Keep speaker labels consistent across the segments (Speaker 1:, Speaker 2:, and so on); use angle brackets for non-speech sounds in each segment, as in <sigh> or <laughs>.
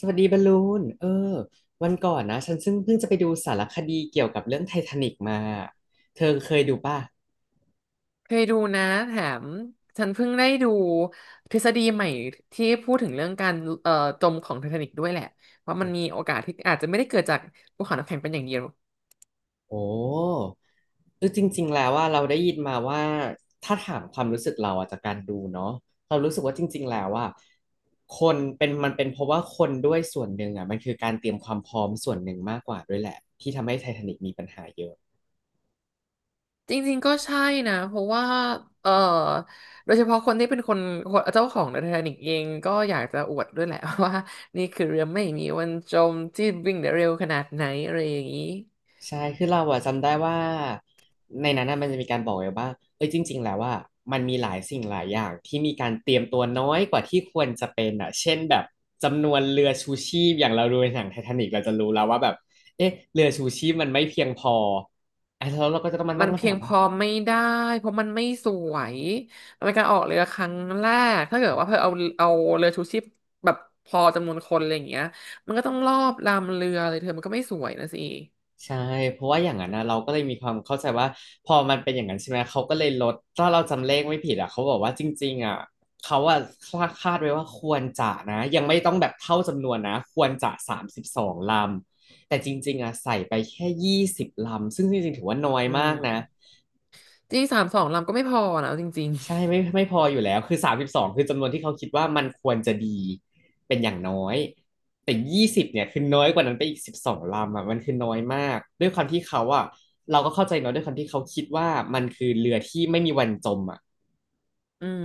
Speaker 1: สวัสดีบอลลูนวันก่อนนะฉันซึ่งเพิ่งจะไปดูสารคดีเกี่ยวกับเรื่องไททานิกมาเธอเคยดูป่ะ
Speaker 2: เคยดูนะแถมฉันเพิ่งได้ดูทฤษฎีใหม่ที่พูดถึงเรื่องการเอ่อจมของไททานิกด้วยแหละว่ามันมีโอกาสที่อาจจะไม่ได้เกิดจากภูเขาน้ำแข็งเป็นอย่างเดียว
Speaker 1: โอ้คือจริงๆแล้วว่าเราได้ยินมาว่าถ้าถามความรู้สึกเราอะจากการดูเนาะเรารู้สึกว่าจริงๆแล้วว่าคนเป็นมันเป็นเพราะว่าคนด้วยส่วนหนึ่งอ่ะมันคือการเตรียมความพร้อมส่วนหนึ่งมากกว่าด้วยแหละที่ทำให้ไททานิกมีปัญหาเยอะ
Speaker 2: จริงๆก็ใช่นะเพราะว่าเอ่อโดยเฉพาะคนที่เป็นคนเจ้าของไททานิกเองก็อยากจะอวดด้วยแหละ <laughs> ว่านี่คือเรือไม่มีวันจมที่วิ่งได้เร็วขนาดไหนอะไรอย่างนี้
Speaker 1: ใช่ คือเราอะจำได้ว่าในนั้นน่ะมันจะมีการบอกไว้ว่าเอ้ยจริงๆแล้วว่ามันมีหลายสิ่งหลายอย่างที่มีการเตรียมตัวน้อยกว่าที่ควรจะเป็นอ่ะเช่นแบบจำนวนเรือชูชีพอย่างเราดูในหนังไททานิกเราจะรู้แล้วว่าแบบเอ๊ะเรือชูชีพมันไม่เพียงพออ่ะแล้วเราก็จะต้องมา
Speaker 2: มั
Speaker 1: ตั้
Speaker 2: น
Speaker 1: งคำ
Speaker 2: เพี
Speaker 1: ถา
Speaker 2: ยง
Speaker 1: ม
Speaker 2: พ
Speaker 1: ว่า
Speaker 2: อไม่ได้เพราะมันไม่สวยมันเป็นการออกเรือครั้งแรกถ้าเกิดว่าเพื่อเอาเรือชูชีพแบบพอจำนวนคนอะไรอย่างเงี้ยมันก็ต้องรอบลำเรือเลยเธอมันก็ไม่สวยนะสิ
Speaker 1: ใช่เพราะว่าอย่างนั้นนะเราก็เลยมีความเข้าใจว่าพอมันเป็นอย่างนั้นใช่ไหมเขาก็เลยลดถ้าเราจำเลขไม่ผิดอ่ะเขาบอกว่าจริงๆอ่ะเขาอ่ะคาดไว้ว่าควรจะนะยังไม่ต้องแบบเท่าจำนวนนะควรจะสามสิบสองลำแต่จริงๆอ่ะใส่ไปแค่ยี่สิบลำซึ่งจริงๆถือว่าน้อย
Speaker 2: อืม
Speaker 1: มากนะ
Speaker 2: จริงสามสองลำก็ไม่พอนะเอาจริง
Speaker 1: ใช่ไม่พออยู่แล้วคือสามสิบสองคือจำนวนที่เขาคิดว่ามันควรจะดีเป็นอย่างน้อยแต่ยี่สิบเนี่ยคือน้อยกว่านั้นไปอีกสิบสองลำอ่ะมันคือน้อยมากด้วยความที่เขาอ่ะเราก็เข้าใจเนาะด้วยความที่เขาคิดว่ามันคือเรือที่ไม่มีวันจมอ่ะ
Speaker 2: ๆอืม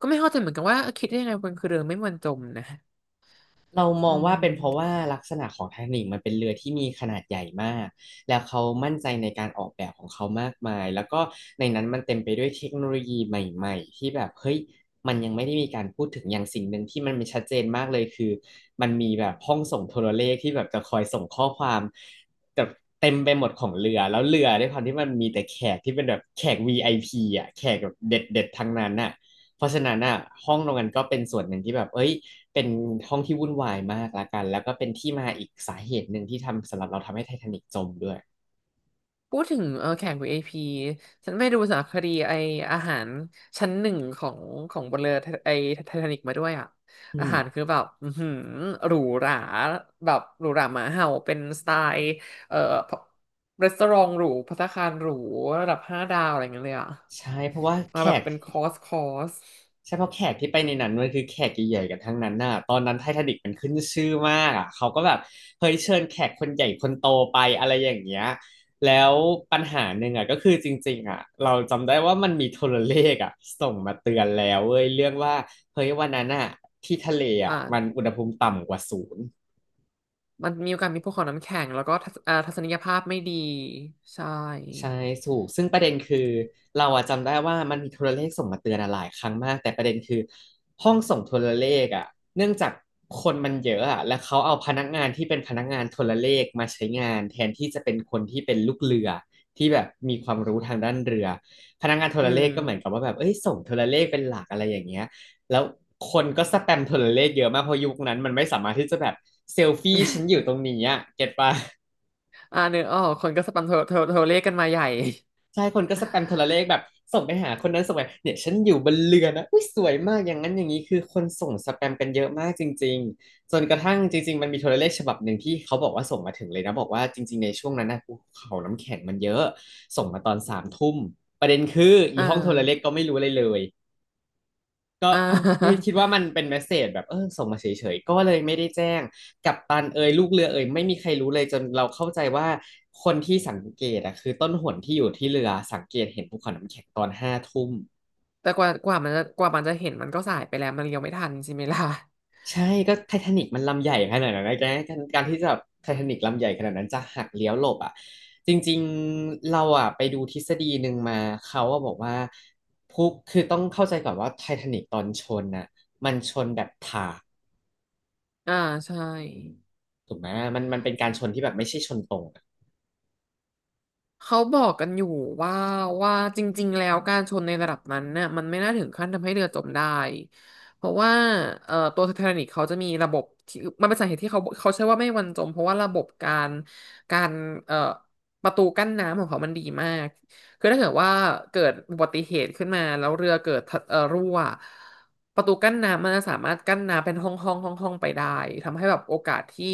Speaker 2: ก็ไม่เข้าใจเหมือนกันว่าคิดได้ยังไงบนคือเรือไม่มันจมนะ
Speaker 1: เรามอ
Speaker 2: อื
Speaker 1: งว่าเป็นเพราะ
Speaker 2: ม
Speaker 1: ว่าลักษณะของไททานิคมันเป็นเรือที่มีขนาดใหญ่มากแล้วเขามั่นใจในการออกแบบของเขามากมายแล้วก็ในนั้นมันเต็มไปด้วยเทคโนโลยีใหม่ๆที่แบบเฮ้ยมันยังไม่ได้มีการพูดถึงอย่างสิ่งหนึ่งที่มันเป็นชัดเจนมากเลยคือมันมีแบบห้องส่งโทรเลขที่แบบจะคอยส่งข้อความแบบเต็มไปหมดของเรือแล้วเรือด้วยความที่มันมีแต่แขกที่เป็นแบบแขกวีไอพีอ่ะแขกแบบเด็ดๆทั้งนั้นน่ะเพราะฉะนั้นอ่ะห้องตรงนั้นก็เป็นส่วนหนึ่งที่แบบเอ้ย เป็นห้องที่วุ่นวายมากละกันแล้วก็เป็นที่มาอีกสาเหตุหนึ่งที่ทำสำหรับเราทำให้ไททานิกจมด้วย
Speaker 2: พูดถึงแข่งของเอพีฉันไปดูสารคดีไออาหารชั้นหนึ่งของบนเรือไอไททานิกมาด้วยอ่ะ
Speaker 1: อื
Speaker 2: อา
Speaker 1: ม
Speaker 2: หารคือแบบอือหือหรูหราแบบหรูหราหมาเห่าเป็นสไตล์เอ่อรีสอร์ทหรูภัตตาคารหรูระดับ5 ดาวอะไรอย่างเงี้ยเลยอ่ะ
Speaker 1: ใช่เพราะว่าแข
Speaker 2: มาแบบ
Speaker 1: ก
Speaker 2: เป็นคอร์ส
Speaker 1: ใช่เพราะแขกที่ไปในนั้นมันคือแขกใหญ่ๆกันทั้งนั้นน่ะตอนนั้นไททานิกมันขึ้นชื่อมากอ่ะเขาก็แบบเฮ้ยเชิญแขกคนใหญ่คนโตไปอะไรอย่างเงี้ยแล้วปัญหาหนึ่งอ่ะก็คือจริงๆอ่ะเราจำได้ว่ามันมีโทรเลขอ่ะส่งมาเตือนแล้วเว้ยเรื่องว่าเฮ้ยวันนั้นอ่ะที่ทะเล
Speaker 2: อ่
Speaker 1: อ่ะมัน
Speaker 2: า
Speaker 1: อุณหภูมิต่ำกว่าศูนย์
Speaker 2: มันมีโอกาสมีพวกของน้ำแข็งแล้วก็ทัศนียภาพไม่ดีใช่
Speaker 1: ใช่ถูกซึ่งประเด็นคือเราอะจำได้ว่ามันมีโทรเลขส่งมาเตือนอะหลายครั้งมากแต่ประเด็นคือห้องส่งโทรเลขอะเนื่องจากคนมันเยอะอะแล้วเขาเอาพนักงานที่เป็นพนักงานโทรเลขมาใช้งานแทนที่จะเป็นคนที่เป็นลูกเรือที่แบบมีความรู้ทางด้านเรือพนักงานโท
Speaker 2: อื
Speaker 1: รเล
Speaker 2: ม
Speaker 1: ขก็เหมือนกับว่าแบบเอ้ยส่งโทรเลขเป็นหลักอะไรอย่างเงี้ยแล้วคนก็สแปมโทรเลขเยอะมากเพราะยุคนั้นมันไม่สามารถที่จะแบบเซลฟี่ฉันอ
Speaker 2: <laughs>
Speaker 1: ยู่ตรงนี้อะเก็ตปะ
Speaker 2: เนื้อออกคนก็สปันโทรเลขกันมาใหญ่
Speaker 1: ใช่คนก็สแปมโทรเลขแบบส่งไปหาคนนั้นส่งไปเนี่ยฉันอยู่บนเรือนะอุ้ยสวยมากอย่างนั้นอย่างนี้คือคนส่งสแปมกันเยอะมากจริงๆจนกระทั่งจริงๆมันมีโทรเลขฉบับหนึ่งที่เขาบอกว่าส่งมาถึงเลยนะบอกว่าจริงๆในช่วงนั้นนะภูเขาน้ำแข็งมันเยอะส่งมาตอนสามทุ่มประเด็นคืออี
Speaker 2: อ่า
Speaker 1: ห้องโทรเลขก็ไม่รู้อะไรเลย ก็
Speaker 2: อ่า
Speaker 1: เอ้าวไม่คิดว่ามันเป็นเมสเสจแบบเออส่งมาเฉยๆก็เลยไม่ได้แจ้งกัปตันเอยลูกเรือเอยไม่มีใครรู้เลยจนเราเข้าใจว่าคนที่สังเกตอะคือต้นหนที่อยู่ที่เรือสังเกตเห็นภูเขาน้ำแข็งตอนห้าทุ่ม
Speaker 2: <laughs> แต่กว่ากว่ามันจะกว่ามันจะเห็นมันก็สายไปแล้วมันเลี้ยวไม่ทันใช่ไหมล่ะ
Speaker 1: ใช่ก็ไททานิกมันลำใหญ่ขนาดนั้นนะแกการที่จะไททานิกลำใหญ่ขนาดนั้นจะหักเลี้ยวหลบอ่ะจริงๆเราอ่ะไปดูทฤษฎีหนึ่งมาเขาอ่ะบอกว่าพุคือต้องเข้าใจก่อนว่าไททานิกตอนชนน่ะมันชนแบบถา
Speaker 2: อ่าใช่
Speaker 1: ถูกไหมมันมันเป็นการชนที่แบบไม่ใช่ชนตรงอะ
Speaker 2: เขาบอกกันอยู่ว่าว่าจริงๆแล้วการชนในระดับนั้นเนี่ยมันไม่น่าถึงขั้นทำให้เรือจมได้เพราะว่าตัวไททานิกเขาจะมีระบบที่มันเป็นสาเหตุที่เขาใช้ว่าไม่วันจมเพราะว่าระบบการเอ่อประตูกั้นน้ำของเขามันดีมาก คือถ้าเกิดว่าเกิดอุบัติเหตุขึ้นมาแล้วเรือเกิดทะรั่วประตูกั้นน้ำมันจะสามารถกั้นน้ำเป็นห้องห้องห้องห้องไปได้ทำให้แบบโอกาสที่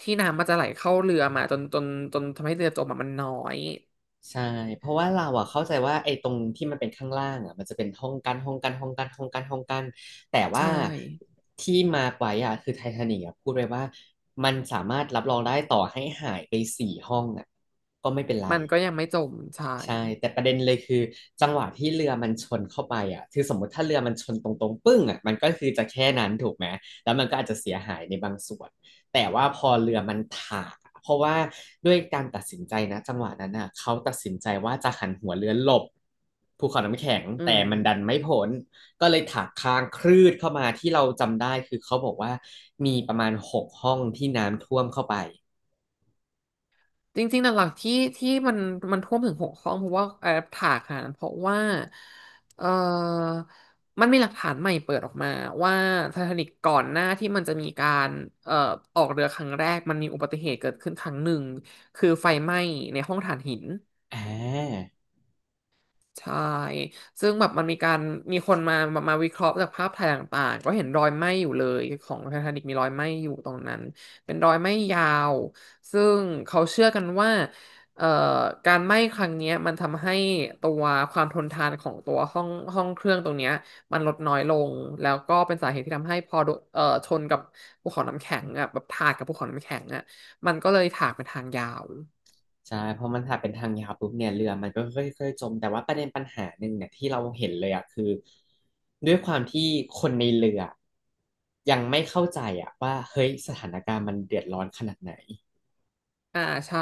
Speaker 2: ที่น้ำมันจะไหลเข้าเรือมาจนทำให้เรือจมอะมันน้อย
Speaker 1: ใช่เพราะว่าเราอะเข้าใจว่าไอ้ตรงที่มันเป็นข้างล่างอะมันจะเป็นห้องกั้นห้องกั้นห้องกั้นห้องกั้นห้องกั้นแต่ว่า
Speaker 2: ใช่
Speaker 1: ที่มาร์คไว้อะคือไททานิกอะพูดไว้ว่ามันสามารถรับรองได้ต่อให้หายไปสี่ห้องอะก็ไม่เป็นไร
Speaker 2: มันก็ยังไม่จมใช่
Speaker 1: ใช่แต่ประเด็นเลยคือจังหวะที่เรือมันชนเข้าไปอ่ะคือสมมติถ้าเรือมันชนตรงๆปึ้งอ่ะมันก็คือจะแค่นั้นถูกไหมแล้วมันก็อาจจะเสียหายในบางส่วนแต่ว่าพอเรือมันถากอะเพราะว่าด้วยการตัดสินใจนะจังหวะนั้นอ่ะเขาตัดสินใจว่าจะหันหัวเรือหลบภูเขาน้ำแข็ง
Speaker 2: อื
Speaker 1: แต่มันดัน
Speaker 2: ม
Speaker 1: ไม่พ้นก็เลยถากค้างคลืดเข้ามาที่เราจำได้คือเขาบอกว่ามีประมาณหกห้องที่น้ำท่วมเข้าไป
Speaker 2: จริงๆหลักๆที่มันท่วมถึง6 ห้องเพราะว่าแอปถากค่ะเพราะว่าเออมันมีหลักฐานใหม่เปิดออกมาว่าไททานิกก่อนหน้าที่มันจะมีการเอ่อออกเรือครั้งแรกมันมีอุบัติเหตุเกิดขึ้นครั้งหนึ่งคือไฟไหม้ในห้องถ่านหิน
Speaker 1: อ่า
Speaker 2: ใช่ซึ่งแบบมันมีการมีคนมาวิเคราะห์จากภาพถ่ายต่างๆก็เห็นรอยไหม้อยู่เลยของไททานิกมีรอยไหม้อยู่ตรงนั้นเป็นรอยไหม้ยาวซึ่งเขาเชื่อกันว่าเอ่อการไหม้ครั้งเนี้ยมันทำให้ตัวความทนทานของตัวห้องเครื่องตรงเนี้ยมันลดน้อยลงแล้วก็เป็นสาเหตุที่ทำให้พอโดนชนกับภูเขาน้ำแข็งอ่ะแบบถากกับภูเขาน้ำแข็งอ่ะมันก็เลยถากเป็นทางยาว
Speaker 1: ใช่เพราะมันถ้าเป็นทางยาวปุ๊บเนี่ยเรือมันก็ค่อยๆจมแต่ว่าประเด็นปัญหาหนึ่งเนี่ยที่เราเห็นเลยอ่ะคือด้วยความที่คนในเรือยังไม่เข้าใจอ่ะว่าเฮ้ยสถานการณ์มันเดือดร้อนขนาดไหน
Speaker 2: อ่าใช่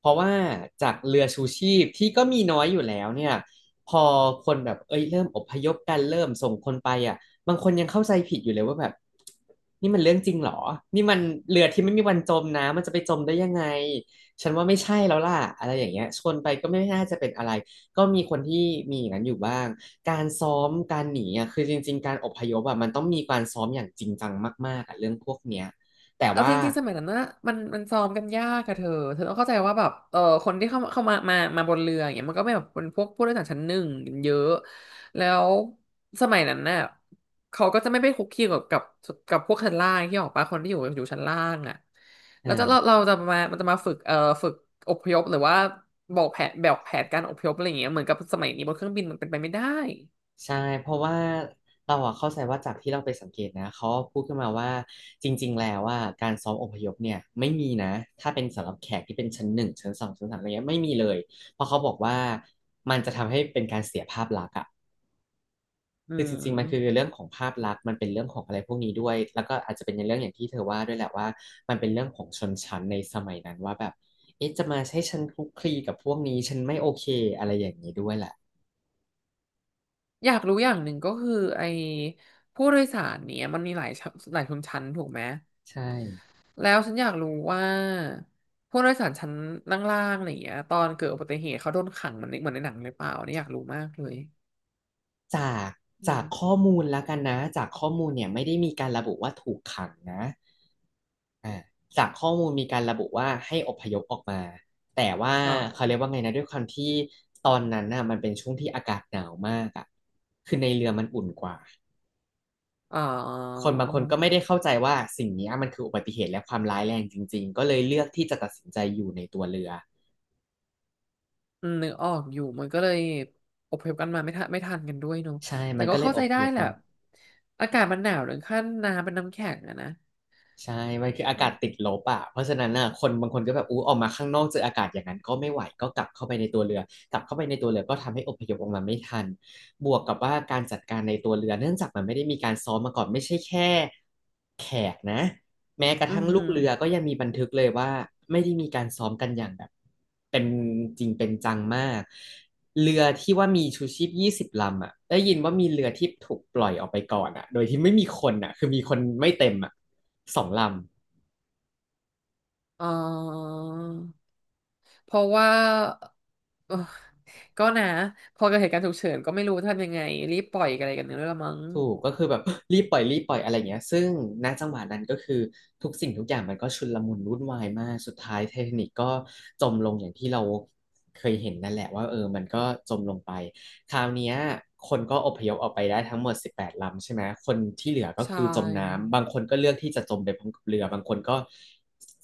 Speaker 1: เพราะว่าจากเรือชูชีพที่ก็มีน้อยอยู่แล้วเนี่ยพอคนแบบเอ้ยเริ่มอพยพกันเริ่มส่งคนไปอ่ะบางคนยังเข้าใจผิดอยู่เลยว่าแบบนี่มันเรื่องจริงเหรอนี่มันเรือที่ไม่มีวันจมนะมันจะไปจมได้ยังไงฉันว่าไม่ใช่แล้วล่ะอะไรอย่างเงี้ยชนไปก็ไม่น่าจะเป็นอะไรก็มีคนที่มีอย่างนั้นอยู่บ้างการซ้อมการหนีอ่ะคือจริงๆการอพยพอ่ะมันต้องมีการซ้อมอย่างจริงจังมากๆอ่ะเรื่องพวกเนี้ยแต่
Speaker 2: เอา
Speaker 1: ว่า
Speaker 2: จริงๆสมัยนั้นนะมันซ้อมกันยากอะเธอต้องเข้าใจว่าแบบคนที่เข้ามาบนเรืออย่างเงี้ยมันก็ไม่แบบเป็นพวกผู้โดยสารชั้นหนึ่งกันเยอะแล้วสมัยนั้นน่ะเขาก็จะไม่ไปคุกคีกับพวกชั้นล่างที่ออกปะคนที่อยู่ชั้นล่างอะ
Speaker 1: เอ
Speaker 2: แล้วจะเรา
Speaker 1: อ
Speaker 2: เราจะมามันจะมาฝึกอพยพหรือว่าบอกแผนแบบแผนการอพยพอะไรอย่างเงี้ยเหมือนกับสมัยนี้บนเครื่องบินมันเป็นไปไม่ได้
Speaker 1: ใช่เพราะว่าเราอะเข้าใจว่าจากที่เราไปสังเกตนะเขาพูดขึ้นมาว่าจริงๆแล้วว่าการซ้อมอพยพเนี่ยไม่มีนะถ้าเป็นสำหรับแขกที่เป็นชั้นหนึ่งชั้นสองชั้นสามอะไรเงี้ยไม่มีเลยเพราะเขาบอกว่ามันจะทำให้เป็นการเสียภาพลักษณ์อะ
Speaker 2: อื
Speaker 1: คือจริงๆมันคือ
Speaker 2: ม
Speaker 1: เรื่องของภาพลักษณ์มันเป็นเรื่องของอะไรพวกนี้ด้วยแล้วก็อาจจะเป็นในเรื่องอย่างที่เธอว่าด้วยแหละว่ามันเป็นเรื่องของชนชั้นในสมัยนั้นว่าแบบเอ๊ะจะมาใช้ฉันคลุกคลีกับพวกนี้ฉันไม่โอเคอะไรอย่างนี้ด้วยแหละ
Speaker 2: อยากรู้อย่างหนึ่งก็คือไอ้ผู้โดยสารเนี่ยมันมีหลายชั้นหลายชนชั้นถูกไหม
Speaker 1: ใช่
Speaker 2: แล้วฉันอยากรู้ว่าผู้โดยสารชั้นล่างๆอะไรอย่างเงี้ยตอนเกิดอุบัติเหตุเขาโดนขังเหมือนในหนังหรือเปล่าเนี่ยอยากรู้มากเลย
Speaker 1: จาก
Speaker 2: อื
Speaker 1: จาก
Speaker 2: ม
Speaker 1: ข้อมูลแล้วกันนะจากข้อมูลเนี่ยไม่ได้มีการระบุว่าถูกขังนะอ่าจากข้อมูลมีการระบุว่าให้อพยพออกมาแต่ว่า
Speaker 2: อ
Speaker 1: เขาเรีย
Speaker 2: ่า
Speaker 1: กว่าไงนะด้วยความที่ตอนนั้นน่ะมันเป็นช่วงที่อากาศหนาวมากอ่ะคือในเรือมันอุ่นกว่า
Speaker 2: อ่
Speaker 1: ค
Speaker 2: า
Speaker 1: นบางคนก็ไม่ได้เข้าใจว่าสิ่งเนี้ยมันคืออุบัติเหตุและความร้ายแรงจริงๆก็เลยเลือกที่จะตัดสินใจอยู่ในตัวเรือ
Speaker 2: นึกออกอยู่มันก็เลยอพยพกันมาไม่ทันไม่ทันกันด้วยเนอะ
Speaker 1: ใช่
Speaker 2: แต่
Speaker 1: มัน
Speaker 2: ก็
Speaker 1: ก็เลย
Speaker 2: เข้า
Speaker 1: อ
Speaker 2: ใจ
Speaker 1: พ
Speaker 2: ได้
Speaker 1: ยพ
Speaker 2: แหละ
Speaker 1: มา
Speaker 2: อากาศมันหนาวถึงขั้นน้ำเป็นน้ำแข็งอะนะ
Speaker 1: ใช่มันคืออา
Speaker 2: อื
Speaker 1: กาศติด
Speaker 2: ม
Speaker 1: ลบอ่ะเพราะฉะนั้นน่ะคนบางคนก็แบบอู้ออกมาข้างนอกเจออากาศอย่างนั้นก็ไม่ไหวก็กลับเข้าไปในตัวเรือกลับเข้าไปในตัวเรือก็ทำให้อพยพออกมาไม่ทันบวกกับว่าการจัดการในตัวเรือเนื่องจากมันไม่ได้มีการซ้อมมาก่อนไม่ใช่แค่แขกนะแม้กระ
Speaker 2: อื
Speaker 1: ทั่
Speaker 2: อ
Speaker 1: งลู
Speaker 2: หื
Speaker 1: ก
Speaker 2: อ
Speaker 1: เรือก็ยังมีบันทึกเลยว่าไม่ได้มีการซ้อมกันอย่างแบบเป็นจริงเป็นจังมากเรือที่ว่ามีชูชีพยี่สิบลำอ่ะได้ยินว่ามีเรือที่ถูกปล่อยออกไปก่อนอ่ะโดยที่ไม่มีคนอ่ะคือมีคนไม่เต็มอ่ะ สองลำ
Speaker 2: อ๋อ เพราะว่าเออก็นะพอเกิดเหตุการณ์ฉุกเฉินก็ไม่รู้จะทำยังไงรีบปล่อยอะไรกันเนี่ยละมั้ง
Speaker 1: ถูกก็คือแบบ <gasps> <laughs> รีบปล่อยอะไรเงี้ยซึ่งณจังหวะนั้นก็คือทุกสิ่งทุกอย่างมันก็ชุลมุนวุ่นวายมากสุดท้ายไททานิกก็จมลงอย่างที่เราเคยเห็นนั่นแหละว่าเออมันก็จมลงไปคราวเนี้ยคนก็อพยพออกไปได้ทั้งหมด18ลำใช่ไหมคนที่เหลือก็
Speaker 2: ใช่
Speaker 1: คือจมน้ำบางคนก็เลือกที่จะจมไปพร้อมกับเรือบางคนก็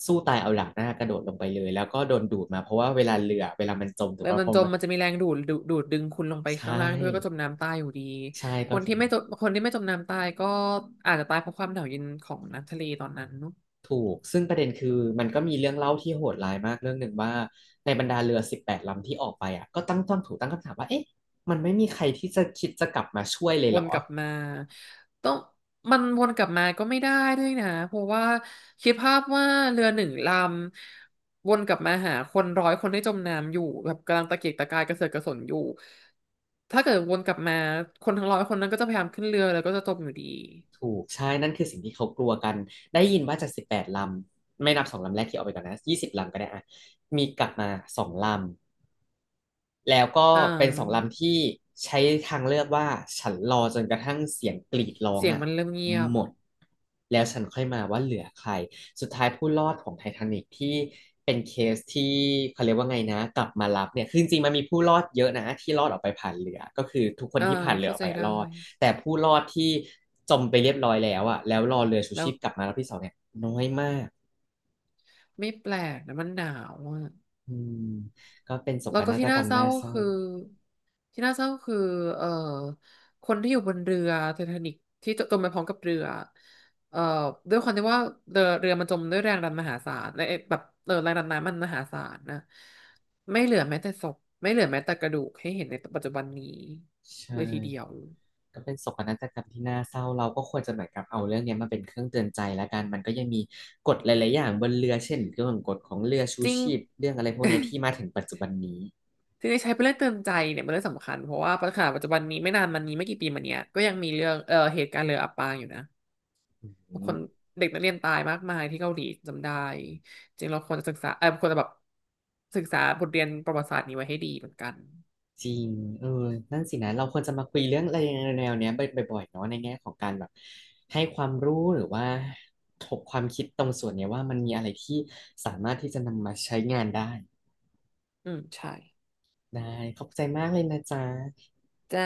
Speaker 1: สู้ตายเอาหลังหน้ากระโดดลงไปเลยแล้วก็โดนดูดมาเพราะว่าเวลามันจมถู
Speaker 2: แล้
Speaker 1: ก
Speaker 2: ว
Speaker 1: ป่ะ
Speaker 2: มั
Speaker 1: พ
Speaker 2: น
Speaker 1: อ
Speaker 2: จม
Speaker 1: มัน
Speaker 2: มันจะมีแรงดูดดึงคุณลงไปข้าง
Speaker 1: ใช่
Speaker 2: ล่างด้วยก็จมน้ำตายอยู่ดี
Speaker 1: ใช่
Speaker 2: ค
Speaker 1: ก็
Speaker 2: น
Speaker 1: จ
Speaker 2: ที่
Speaker 1: ม
Speaker 2: ไม่จมคนที่ไม่จมน้ำตายก็อาจจะตายเพราะความหนาวเย็นของน้ำทะเลตอนนั้น
Speaker 1: ถูกซึ่งประเด็นคือมันก็มีเรื่องเล่าที่โหดร้ายมากเรื่องหนึ่งว่าในบรรดาเรือสิบแปดลำที่ออกไปอ่ะก็ตั้งต้องถูกตั้งคำถามว่าเอ๊ะมันไม่มีใครที่จะคิดจะกลับมาช่วยเลย
Speaker 2: ว
Speaker 1: เหร
Speaker 2: น
Speaker 1: อ
Speaker 2: กลับมาต้องมันวนกลับมาก็ไม่ได้ด้วยนะเพราะว่าคิดภาพว่าเรือหนึ่งลำวนกลับมาหาคนร้อยคนที่จมน้ำอยู่แบบกำลังตะเกียกตะกายกระเสือกกระสนอยู่ถ้าเกิดวนกลับมาคนทั้งร้อยคนนั้นก็จะพยายามขึ้นเรือแล้วก็จะจมอยู่ดี
Speaker 1: ถูกใช่นั่นคือสิ่งที่เขากลัวกันได้ยินว่าจากสิบแปดลำไม่นับสองลำแรกที่ออกไปก่อนนะยี่สิบลำก็ได้อ่ะมีกลับมาสองลำ แล้วก็
Speaker 2: อ่
Speaker 1: เป็นสอง
Speaker 2: า
Speaker 1: ลำที่ใช้ทางเลือกว่าฉันรอจนกระทั่งเสียงกรีดร้อง
Speaker 2: เสียง
Speaker 1: อ่ะ
Speaker 2: มันเริ่มเงียบ
Speaker 1: หมดแล้วฉันค่อยมาว่าเหลือใครสุดท้ายผู้รอดของไททานิกที่เป็นเคสที่เขาเรียกว่าไงนะกลับมารับเนี่ยคือจริงๆมันมีผู้รอดเยอะนะที่รอดออกไปผ่านเรือก็คือทุกคน
Speaker 2: อ่า
Speaker 1: ที่ผ่านเรือ
Speaker 2: เข้า
Speaker 1: ออก
Speaker 2: ใจ
Speaker 1: ไปอะ
Speaker 2: ได้
Speaker 1: รอดแต่ผู้รอดที่จมไปเรียบร้อยแล้วอ่ะแล้วรอเรือชู
Speaker 2: แล้
Speaker 1: ชี
Speaker 2: ว
Speaker 1: พกลับมารอบที่สองเนี่ยน้อยมาก
Speaker 2: ไม่แปลกนะมันหนาวอ่ะ
Speaker 1: อืมก็เป็นโศ
Speaker 2: แล้
Speaker 1: ก
Speaker 2: วก็
Speaker 1: นาฏ
Speaker 2: ที่
Speaker 1: ก
Speaker 2: น่า
Speaker 1: รรม
Speaker 2: เศร้า
Speaker 1: น่า
Speaker 2: ก็
Speaker 1: เศร้า
Speaker 2: คือที่น่าเศร้าก็คือเอ่อคนที่อยู่บนเรือไททานิกที่จมไปพร้อมกับเรือเอ่อด้วยความที่ว่าเรือมันจมด้วยแรงดันมหาศาลและไอ้แบบแรงดันน้ำมันมหาศาลนะไม่เหลือแม้แต่ศพไม่เหลือแม้แต่กระดูกให้เห็นในปัจจุบันนี้
Speaker 1: ใช่
Speaker 2: เลยทีเดียว
Speaker 1: ก็เป็นโศกนาฏกรรมที่น่าเศร้าเราก็ควรจะเหมือนกับเอาเรื่องเนี้ยมาเป็นเครื่องเตือนใจแล้วกันมันก็ยังมีกฎหลายๆอย่างบนเรือเช่นเรื่องกฎของเรือชู
Speaker 2: จริง
Speaker 1: ชีพเรื่องอะไรพวกเนี้ยที่มาถึ
Speaker 2: <laughs>
Speaker 1: งปัจจุบันนี้
Speaker 2: ที่ได้ใช้เป็นเรื่องเตือนใจเนี่ยเป็นเรื่องสำคัญเพราะว่าปัญหาปัจจุบันนี้ไม่นานมานี้ไม่กี่ปีมาเนี้ยก็ยังมีเรื่องเหตุการณ์เรืออับปางอยู่นะ ค
Speaker 1: อื
Speaker 2: น
Speaker 1: ม
Speaker 2: เด็กนักเรียนตายมากมายที่เกาหลีจำได้จริงเราควรจะศึกษาควรจะแบบศึกษาบทเรียนประวัติศาสตร์นี้ไว้ให้ดีเหมือนกัน
Speaker 1: จริงเออนั่นสินะเราควรจะมาคุยเรื่องอะไรแนวๆเนี้ยบ่อยๆเนาะในแง่ของการแบบให้ความรู้หรือว่าถกความคิดตรงส่วนเนี้ยว่ามันมีอะไรที่สามารถที่จะนำมาใช้งานได้
Speaker 2: อืมใช่
Speaker 1: ได้ขอบใจมากเลยนะจ๊ะ
Speaker 2: จ้า